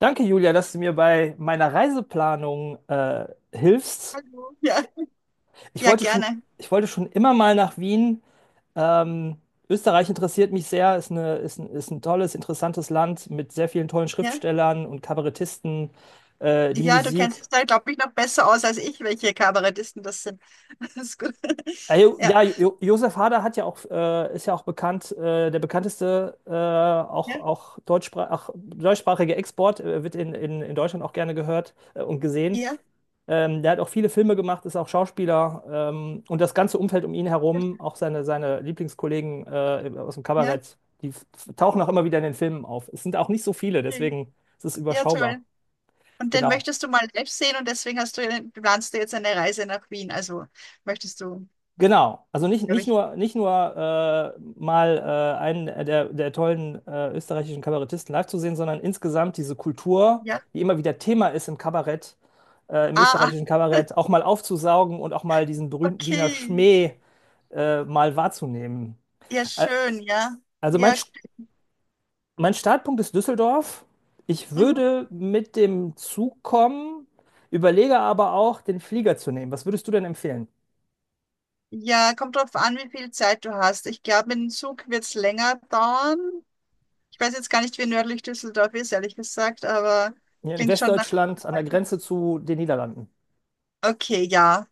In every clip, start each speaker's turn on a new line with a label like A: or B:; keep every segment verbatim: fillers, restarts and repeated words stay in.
A: Danke, Julia, dass du mir bei meiner Reiseplanung äh, hilfst.
B: Hallo. Ja,
A: Ich
B: ja,
A: wollte schon,
B: gerne.
A: ich wollte schon immer mal nach Wien. Ähm, Österreich interessiert mich sehr, ist eine, ist ein, ist ein tolles, interessantes Land mit sehr vielen tollen
B: Ja,
A: Schriftstellern und Kabarettisten, äh, die
B: ja, du kennst
A: Musik.
B: dich da, glaube ich, noch besser aus als ich, welche Kabarettisten das sind. Das ist gut.
A: Äh, jo-
B: Ja,
A: ja, jo Josef Hader hat ja auch, äh, ist ja auch bekannt, äh, der bekannteste, äh, auch,
B: ja,
A: auch, deutschsprach auch deutschsprachige Export, äh, wird in, in, in Deutschland auch gerne gehört äh, und gesehen.
B: ja,
A: Ähm, der hat auch viele Filme gemacht, ist auch Schauspieler ähm, und das ganze Umfeld um ihn herum, auch seine, seine Lieblingskollegen äh, aus dem
B: ja,
A: Kabarett, die f- tauchen auch immer wieder in den Filmen auf. Es sind auch nicht so viele,
B: schön.
A: deswegen ist es
B: Ja,
A: überschaubar.
B: toll. Und den
A: Genau.
B: möchtest du mal live sehen und deswegen hast du, eine- planst du jetzt eine Reise nach Wien. Also möchtest du,
A: Genau. Also nicht,
B: glaube
A: nicht
B: ich,
A: nur, nicht nur äh, mal äh, einen der, der tollen äh, österreichischen Kabarettisten live zu sehen, sondern insgesamt diese Kultur,
B: ja.
A: die immer wieder Thema ist im Kabarett, äh, im
B: Ah, ah,
A: österreichischen Kabarett, auch mal aufzusaugen und auch mal diesen berühmten Wiener
B: okay.
A: Schmäh äh, mal wahrzunehmen.
B: Ja,
A: Ä-
B: schön, ja.
A: Also mein,
B: Ja,
A: St- Mein Startpunkt ist Düsseldorf. Ich
B: mhm.
A: würde mit dem Zug kommen, überlege aber auch, den Flieger zu nehmen. Was würdest du denn empfehlen?
B: Ja, kommt drauf an, wie viel Zeit du hast. Ich glaube, mit dem Zug wird es länger dauern. Ich weiß jetzt gar nicht, wie nördlich Düsseldorf ist, ehrlich gesagt, aber
A: Hier in
B: klingt schon nach.
A: Westdeutschland, an der Grenze zu den Niederlanden.
B: Okay, ja.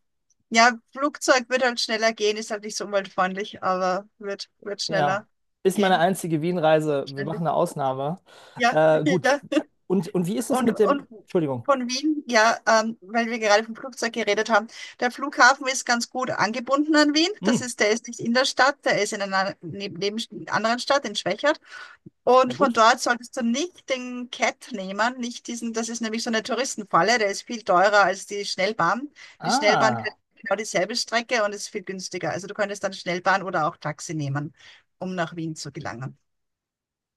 B: Ja, Flugzeug wird halt schneller gehen, ist halt nicht so umweltfreundlich, aber wird, wird
A: Ja,
B: schneller
A: ist meine
B: gehen
A: einzige Wien-Reise. Wir machen
B: wahrscheinlich.
A: eine Ausnahme.
B: Ja,
A: Äh, gut.
B: ja.
A: Und, und wie ist das
B: Und,
A: mit
B: und
A: dem, Entschuldigung.
B: von Wien, ja, ähm, weil wir gerade vom Flugzeug geredet haben, der Flughafen ist ganz gut angebunden an Wien. Das
A: Hm,
B: ist, der ist nicht in der Stadt, der ist in einer neb- neben, anderen Stadt, in Schwächert.
A: ja
B: Und von
A: gut.
B: dort solltest du nicht den Cat nehmen, nicht diesen, das ist nämlich so eine Touristenfalle, der ist viel teurer als die Schnellbahn. Die Schnellbahn fährt
A: Ah.
B: genau dieselbe Strecke und ist viel günstiger. Also du könntest dann Schnellbahn oder auch Taxi nehmen, um nach Wien zu gelangen.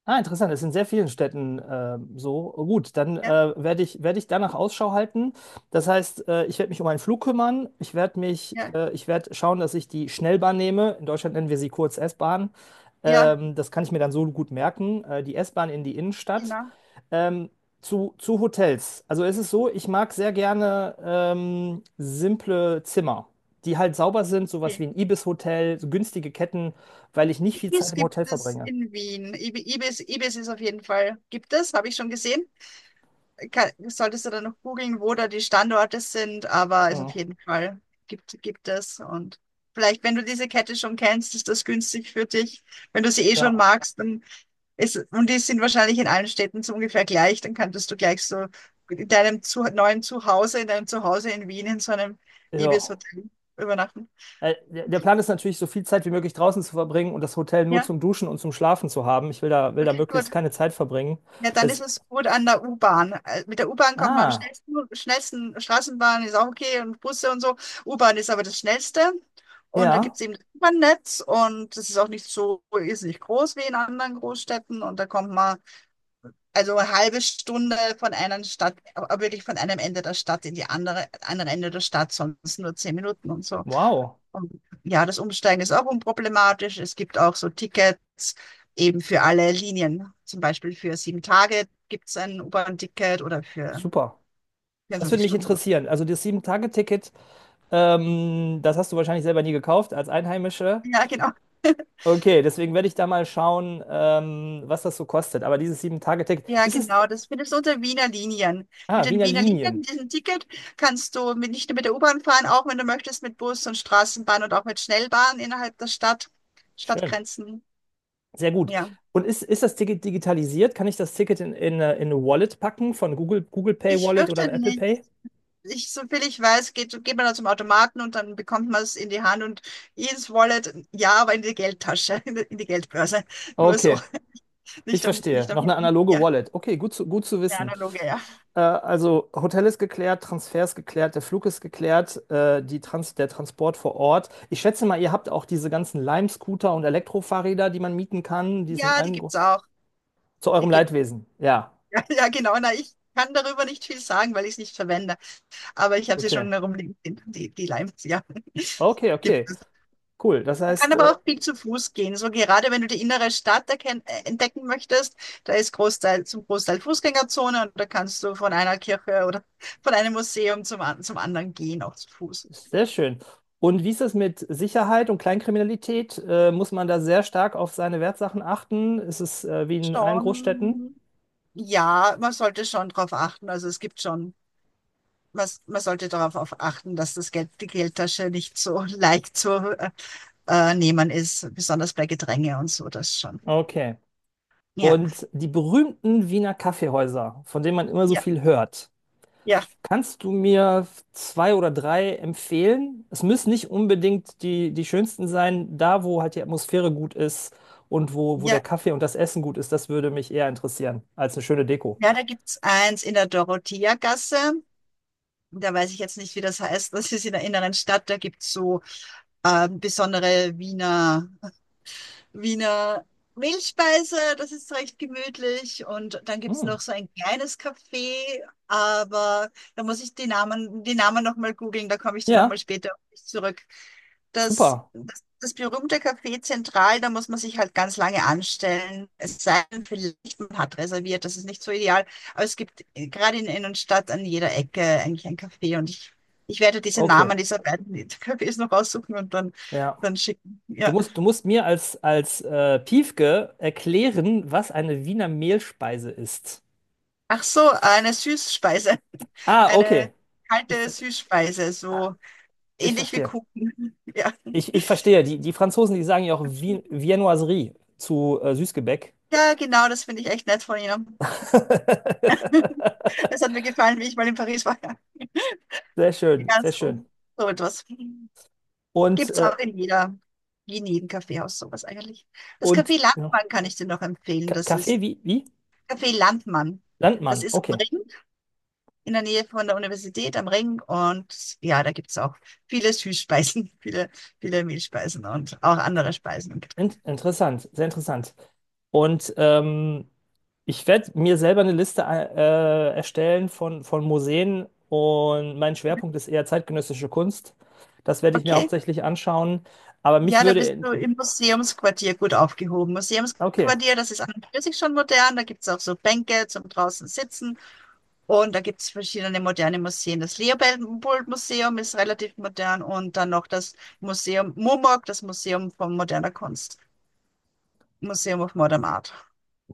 A: Ah, interessant, das ist in sehr vielen Städten ähm, so. Oh, gut, dann
B: Ja,
A: äh, werde ich, werde ich danach Ausschau halten. Das heißt, äh, ich werde mich um einen Flug kümmern. Ich werde mich,
B: ja,
A: äh, ich werde schauen, dass ich die Schnellbahn nehme. In Deutschland nennen wir sie kurz S-Bahn.
B: ja,
A: Ähm, das kann ich mir dann so gut merken. Äh, die S-Bahn in die Innenstadt.
B: genau.
A: Ähm, zu, zu Hotels. Also es ist so, ich mag sehr gerne ähm, simple Zimmer, die halt sauber sind, sowas wie
B: Okay.
A: ein Ibis-Hotel, so günstige Ketten, weil ich nicht viel Zeit
B: Ibis
A: im
B: gibt
A: Hotel
B: es
A: verbringe.
B: in Wien. Ibi- Ibis, Ibis ist auf jeden Fall, gibt es, habe ich schon gesehen. Kann, solltest du dann noch googeln, wo da die Standorte sind, aber ist
A: Mhm.
B: auf jeden Fall gibt, gibt es. Und vielleicht, wenn du diese Kette schon kennst, ist das günstig für dich. Wenn du sie eh schon
A: Ja.
B: magst, dann ist, und die sind wahrscheinlich in allen Städten so ungefähr gleich, dann könntest du gleich so in deinem zu, neuen Zuhause, in deinem Zuhause in Wien in so einem
A: Ja.
B: Ibis-Hotel übernachten.
A: Äh, Der der Plan ist natürlich, so viel Zeit wie möglich draußen zu verbringen und das Hotel nur
B: Ja,
A: zum Duschen und zum Schlafen zu haben. Ich will da, will da
B: okay, gut.
A: möglichst keine Zeit verbringen.
B: Ja, dann ist
A: Das,
B: es gut an der U-Bahn. Äh, Mit der U-Bahn kommt man am
A: ah,
B: schnellsten, schnellsten Straßenbahn ist auch okay und Busse und so. U-Bahn ist aber das Schnellste. Und da gibt
A: ja,
B: es eben das U-Bahn-Netz und das ist auch nicht so, ist nicht groß wie in anderen Großstädten. Und da kommt man also eine halbe Stunde von einer Stadt, aber wirklich von einem Ende der Stadt in die andere, andere Ende der Stadt, sonst nur zehn Minuten und so.
A: wow,
B: Und ja, das Umsteigen ist auch unproblematisch. Es gibt auch so Tickets eben für alle Linien. Zum Beispiel für sieben Tage gibt es ein U-Bahn-Ticket oder für
A: super. Das würde
B: vierundzwanzig
A: mich
B: Stunden.
A: interessieren. Also das Sieben-Tage-Ticket, ähm, das hast du wahrscheinlich selber nie gekauft als Einheimische.
B: Ja, genau.
A: Okay, deswegen werde ich da mal schauen, ähm, was das so kostet. Aber dieses Sieben-Tage-Ticket,
B: Ja,
A: ist es,
B: genau. Das findest du unter Wiener Linien.
A: ah,
B: Mit den
A: Wiener
B: Wiener Linien,
A: Linien.
B: mit diesem Ticket, kannst du mit, nicht nur mit der U-Bahn fahren, auch wenn du möchtest, mit Bus und Straßenbahn und auch mit Schnellbahn innerhalb der Stadt,
A: Schön.
B: Stadtgrenzen.
A: Sehr gut.
B: Ja.
A: Und ist, ist das Ticket digitalisiert? Kann ich das Ticket in, in, äh, in eine Wallet packen von Google, Google Pay
B: Ich
A: Wallet oder ein
B: fürchte
A: Apple
B: nicht.
A: Pay?
B: ich, so viel ich weiß, geht, geht man da zum Automaten und dann bekommt man es in die Hand und ins Wallet, ja, aber in die Geldtasche, in die, in die Geldbörse. Nur so,
A: Okay, ich
B: nicht am,
A: verstehe.
B: nicht am
A: Noch eine
B: Handy.
A: analoge
B: Ja,
A: Wallet. Okay, gut zu, gut zu
B: eine
A: wissen.
B: analoge, ja.
A: Äh, also Hotel ist geklärt, Transfer ist geklärt, der Flug ist geklärt, äh, die Trans der Transport vor Ort. Ich schätze mal, ihr habt auch diese ganzen Lime-Scooter und Elektrofahrräder, die man mieten kann, die sind
B: Ja, die
A: allen gro-
B: gibt's auch.
A: zu
B: Die
A: eurem
B: gibt,
A: Leidwesen. Ja,
B: ja, ja, genau. Na, ich kann darüber nicht viel sagen, weil ich es nicht verwende. Aber ich habe sie
A: okay.
B: schon herumliegen, die, die Limes, ja.
A: Okay, okay.
B: Gibt es.
A: Cool. Das
B: Man kann
A: heißt, äh,
B: aber auch viel zu Fuß gehen. So gerade wenn du die innere Stadt erken- äh, entdecken möchtest, da ist Großteil, zum Großteil Fußgängerzone und da kannst du von einer Kirche oder von einem Museum zum, an- zum anderen gehen, auch zu Fuß.
A: sehr schön. Und wie ist es mit Sicherheit und Kleinkriminalität? Äh, muss man da sehr stark auf seine Wertsachen achten? Ist es äh, wie in allen Großstädten?
B: Schon, ja, man sollte schon darauf achten. Also es gibt schon, man, man sollte darauf auf achten, dass das Geld, die Geldtasche nicht so leicht zu äh, äh, nehmen ist, besonders bei Gedränge und so, das schon.
A: Okay.
B: Ja,
A: Und die berühmten Wiener Kaffeehäuser, von denen man immer so
B: ja,
A: viel hört,
B: ja,
A: kannst du mir zwei oder drei empfehlen? Es müssen nicht unbedingt die, die schönsten sein, da wo halt die Atmosphäre gut ist und wo, wo der
B: ja.
A: Kaffee und das Essen gut ist, das würde mich eher interessieren als eine schöne Deko.
B: Ja, da gibt's eins in der Dorotheagasse. Da weiß ich jetzt nicht, wie das heißt. Das ist in der inneren Stadt. Da gibt's so ähm, besondere Wiener Wiener Mehlspeise, das ist recht gemütlich. Und dann gibt's
A: Hm.
B: noch so ein kleines Café, aber da muss ich die Namen, die Namen nochmal googeln, da komme ich dann nochmal
A: Ja,
B: später auf dich zurück. Das,
A: super.
B: das, das berühmte Café Zentral, da muss man sich halt ganz lange anstellen. Es sei denn, vielleicht man hat reserviert, das ist nicht so ideal. Aber es gibt äh, gerade in der Innenstadt an jeder Ecke eigentlich ein Café und ich, ich werde diese
A: Okay.
B: Namen dieser beiden Cafés noch raussuchen und dann,
A: Ja.
B: dann schicken.
A: Du
B: Ja.
A: musst, du musst mir als, als äh, Piefke erklären, was eine Wiener Mehlspeise ist.
B: Ach so, eine Süßspeise.
A: Ah,
B: Eine
A: okay. Ich,
B: kalte
A: ver-
B: Süßspeise,
A: ah,
B: so
A: ich
B: ähnlich wie
A: verstehe.
B: Kuchen. Ja,
A: Ich, ich verstehe. Die, die Franzosen, die sagen ja auch Vien Viennoiserie zu äh, Süßgebäck.
B: ja genau, das finde ich echt nett von Ihnen. Es hat mir gefallen, wie ich mal in Paris war. Ja,
A: Sehr schön,
B: ja
A: sehr
B: so,
A: schön.
B: so etwas.
A: Und,
B: Gibt es
A: äh,
B: auch in jeder, in jedem Kaffeehaus sowas eigentlich. Das
A: und
B: Café
A: ja,
B: Landmann kann ich dir noch empfehlen.
A: Ka-
B: Das
A: Kaffee,
B: ist
A: wie, wie?
B: Café Landmann. Das
A: Landmann,
B: ist am
A: okay.
B: Ring. In der Nähe von der Universität am Ring. Und ja, da gibt es auch viele Süßspeisen, viele, viele Mehlspeisen und auch andere Speisen und Getränke.
A: In interessant, sehr interessant. Und ähm, ich werde mir selber eine Liste äh, äh, erstellen von, von Museen, und mein Schwerpunkt ist eher zeitgenössische Kunst. Das werde ich mir
B: Okay.
A: hauptsächlich anschauen. Aber mich
B: Ja, da bist
A: würde.
B: du im Museumsquartier gut aufgehoben.
A: Okay,
B: Museumsquartier, das ist an und für sich schon modern. Da gibt es auch so Bänke zum draußen sitzen. Und da gibt es verschiedene moderne Museen. Das Leopold-Museum ist relativ modern und dann noch das Museum Mumok, das Museum von moderner Kunst, Museum of Modern Art.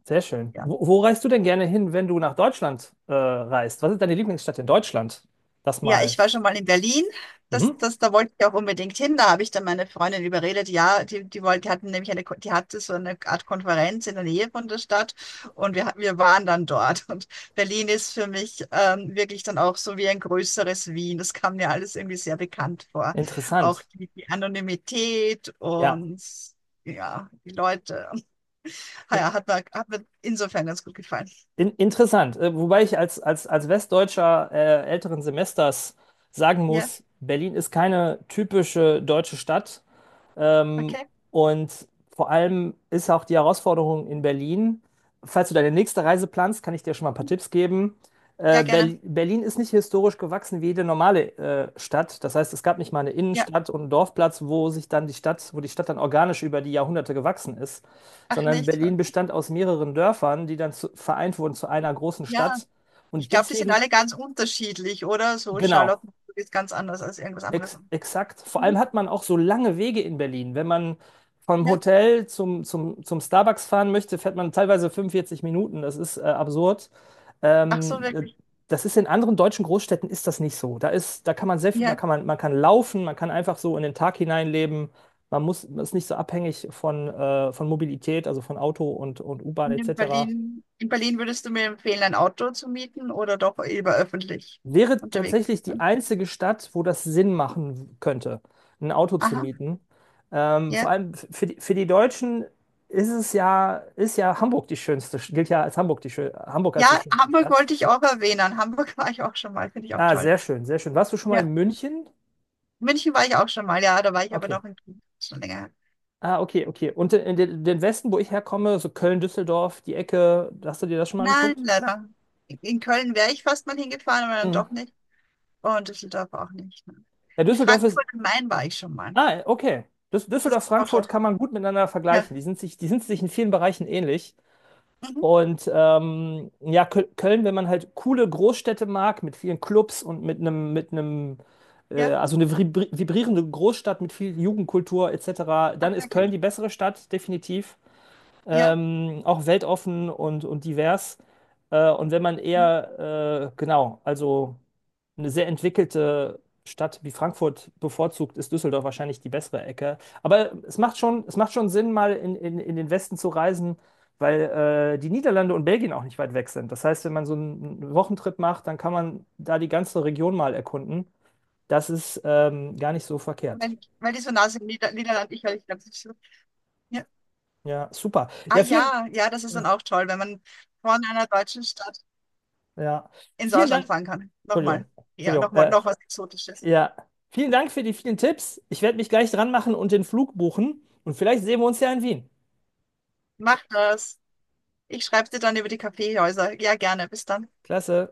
A: sehr schön.
B: Ja.
A: Wo, wo reist du denn gerne hin, wenn du nach Deutschland äh, reist? Was ist deine Lieblingsstadt in Deutschland? Das
B: Ja, ich
A: mal.
B: war schon mal in Berlin. Das,
A: Mhm.
B: das, da wollte ich auch unbedingt hin. Da habe ich dann meine Freundin überredet. Ja, die, die wollte, die hatten nämlich eine, Ko- die hatte so eine Art Konferenz in der Nähe von der Stadt und wir, wir waren dann dort. Und Berlin ist für mich ähm, wirklich dann auch so wie ein größeres Wien. Das kam mir alles irgendwie sehr bekannt vor. Auch
A: Interessant.
B: die, die Anonymität
A: Ja,
B: und ja, die Leute. Ah
A: in,
B: ja, hat mir, hat mir insofern ganz gut gefallen.
A: in, interessant. Äh, wobei ich als, als, als Westdeutscher äh, älteren Semesters sagen
B: Ja,
A: muss, Berlin ist keine typische deutsche Stadt. Ähm,
B: okay.
A: und vor allem ist auch die Herausforderung in Berlin, falls du deine nächste Reise planst, kann ich dir schon mal ein paar Tipps geben. Äh,
B: Ja, gerne.
A: Berl- Berlin ist nicht historisch gewachsen wie jede normale äh, Stadt. Das heißt, es gab nicht mal eine
B: Ja,
A: Innenstadt und einen Dorfplatz, wo sich dann die Stadt, wo die Stadt dann organisch über die Jahrhunderte gewachsen ist,
B: ach
A: sondern
B: nicht.
A: Berlin bestand aus mehreren Dörfern, die dann zu, vereint wurden zu einer großen
B: Ja.
A: Stadt.
B: Ich
A: Und
B: glaube, die sind
A: deswegen,
B: alle ganz unterschiedlich, oder? So
A: genau.
B: Charlottenburg ist ganz anders als irgendwas anderes.
A: Ex exakt. Vor allem
B: Mhm.
A: hat man auch so lange Wege in Berlin. Wenn man vom
B: Ja?
A: Hotel zum, zum, zum Starbucks fahren möchte, fährt man teilweise fünfundvierzig Minuten. Das ist äh, absurd.
B: Ach so,
A: Ähm, äh,
B: wirklich.
A: das ist in anderen deutschen Großstädten ist das nicht so. Da ist, da kann man sehr, viel- man
B: Ja.
A: kann, man, man kann laufen, man kann einfach so in den Tag hineinleben. Man muss, man ist nicht so abhängig von, äh, von Mobilität, also von Auto und, und U-Bahn
B: Und in
A: et cetera.
B: Berlin, in Berlin würdest du mir empfehlen, ein Auto zu mieten oder doch lieber öffentlich
A: Wäre
B: unterwegs zu
A: tatsächlich die
B: sein?
A: einzige Stadt, wo das Sinn machen könnte, ein Auto zu
B: Aha,
A: mieten. Ähm, vor
B: ja.
A: allem f- für die, für die Deutschen ist es ja, ist ja Hamburg die schönste, gilt ja als Hamburg die schön, Hamburg als die
B: Ja,
A: schönste
B: Hamburg
A: Stadt.
B: wollte ich auch erwähnen. Hamburg war ich auch schon mal, finde ich auch
A: Ah,
B: toll.
A: sehr schön, sehr schön. Warst du schon mal
B: Ja,
A: in München?
B: München war ich auch schon mal, ja, da war ich aber
A: Okay.
B: doch in Köln. Schon länger her.
A: Ah, okay, okay. Und in den, den Westen, wo ich herkomme, so Köln, Düsseldorf, die Ecke, hast du dir das schon mal
B: Nein,
A: angeguckt?
B: leider. In Köln wäre ich fast mal hingefahren, aber dann
A: Mhm.
B: doch nicht. Und Düsseldorf auch nicht, ne.
A: Ja,
B: In
A: Düsseldorf ist.
B: Frankfurt am Main war ich schon mal.
A: Ah, okay. Düs-
B: Ist das
A: Düsseldorf,
B: auch
A: Frankfurt
B: schon?
A: kann man gut miteinander
B: Ja.
A: vergleichen. Die sind sich, die sind sich in vielen Bereichen ähnlich.
B: Mhm.
A: Und ähm, ja, Köl- Köln, wenn man halt coole Großstädte mag, mit vielen Clubs und mit einem, mit einem, äh,
B: Ja.
A: also eine vibri- vibrierende Großstadt mit viel Jugendkultur et cetera, dann
B: Ach,
A: ist Köln
B: wirklich.
A: die bessere Stadt, definitiv.
B: Ja.
A: Ähm, auch weltoffen und, und divers. Äh, und wenn man
B: Mhm.
A: eher, äh, genau, also eine sehr entwickelte Stadt wie Frankfurt bevorzugt, ist Düsseldorf wahrscheinlich die bessere Ecke. Aber es macht schon, es macht schon Sinn, mal in, in, in den Westen zu reisen, weil äh, die Niederlande und Belgien auch nicht weit weg sind. Das heißt, wenn man so einen Wochentrip macht, dann kann man da die ganze Region mal erkunden. Das ist ähm, gar nicht so verkehrt.
B: Weil, weil die so nah sind, Nieder Niederland, ich, weil ich glaube, das ist so. Ja.
A: Ja, super.
B: Ah
A: Ja, vielen,
B: ja, ja, das ist dann
A: ja,
B: auch toll, wenn man von einer deutschen Stadt
A: ja.
B: ins
A: Vielen
B: Ausland
A: Dank.
B: fahren kann. Nochmal.
A: Entschuldigung,
B: Ja,
A: Entschuldigung.
B: nochmal,
A: Äh,
B: noch was Exotisches.
A: ja, vielen Dank für die vielen Tipps. Ich werde mich gleich dran machen und den Flug buchen. Und vielleicht sehen wir uns ja in Wien.
B: Mach das. Ich schreibe dir dann über die Kaffeehäuser. Ja, gerne. Bis dann.
A: Klasse.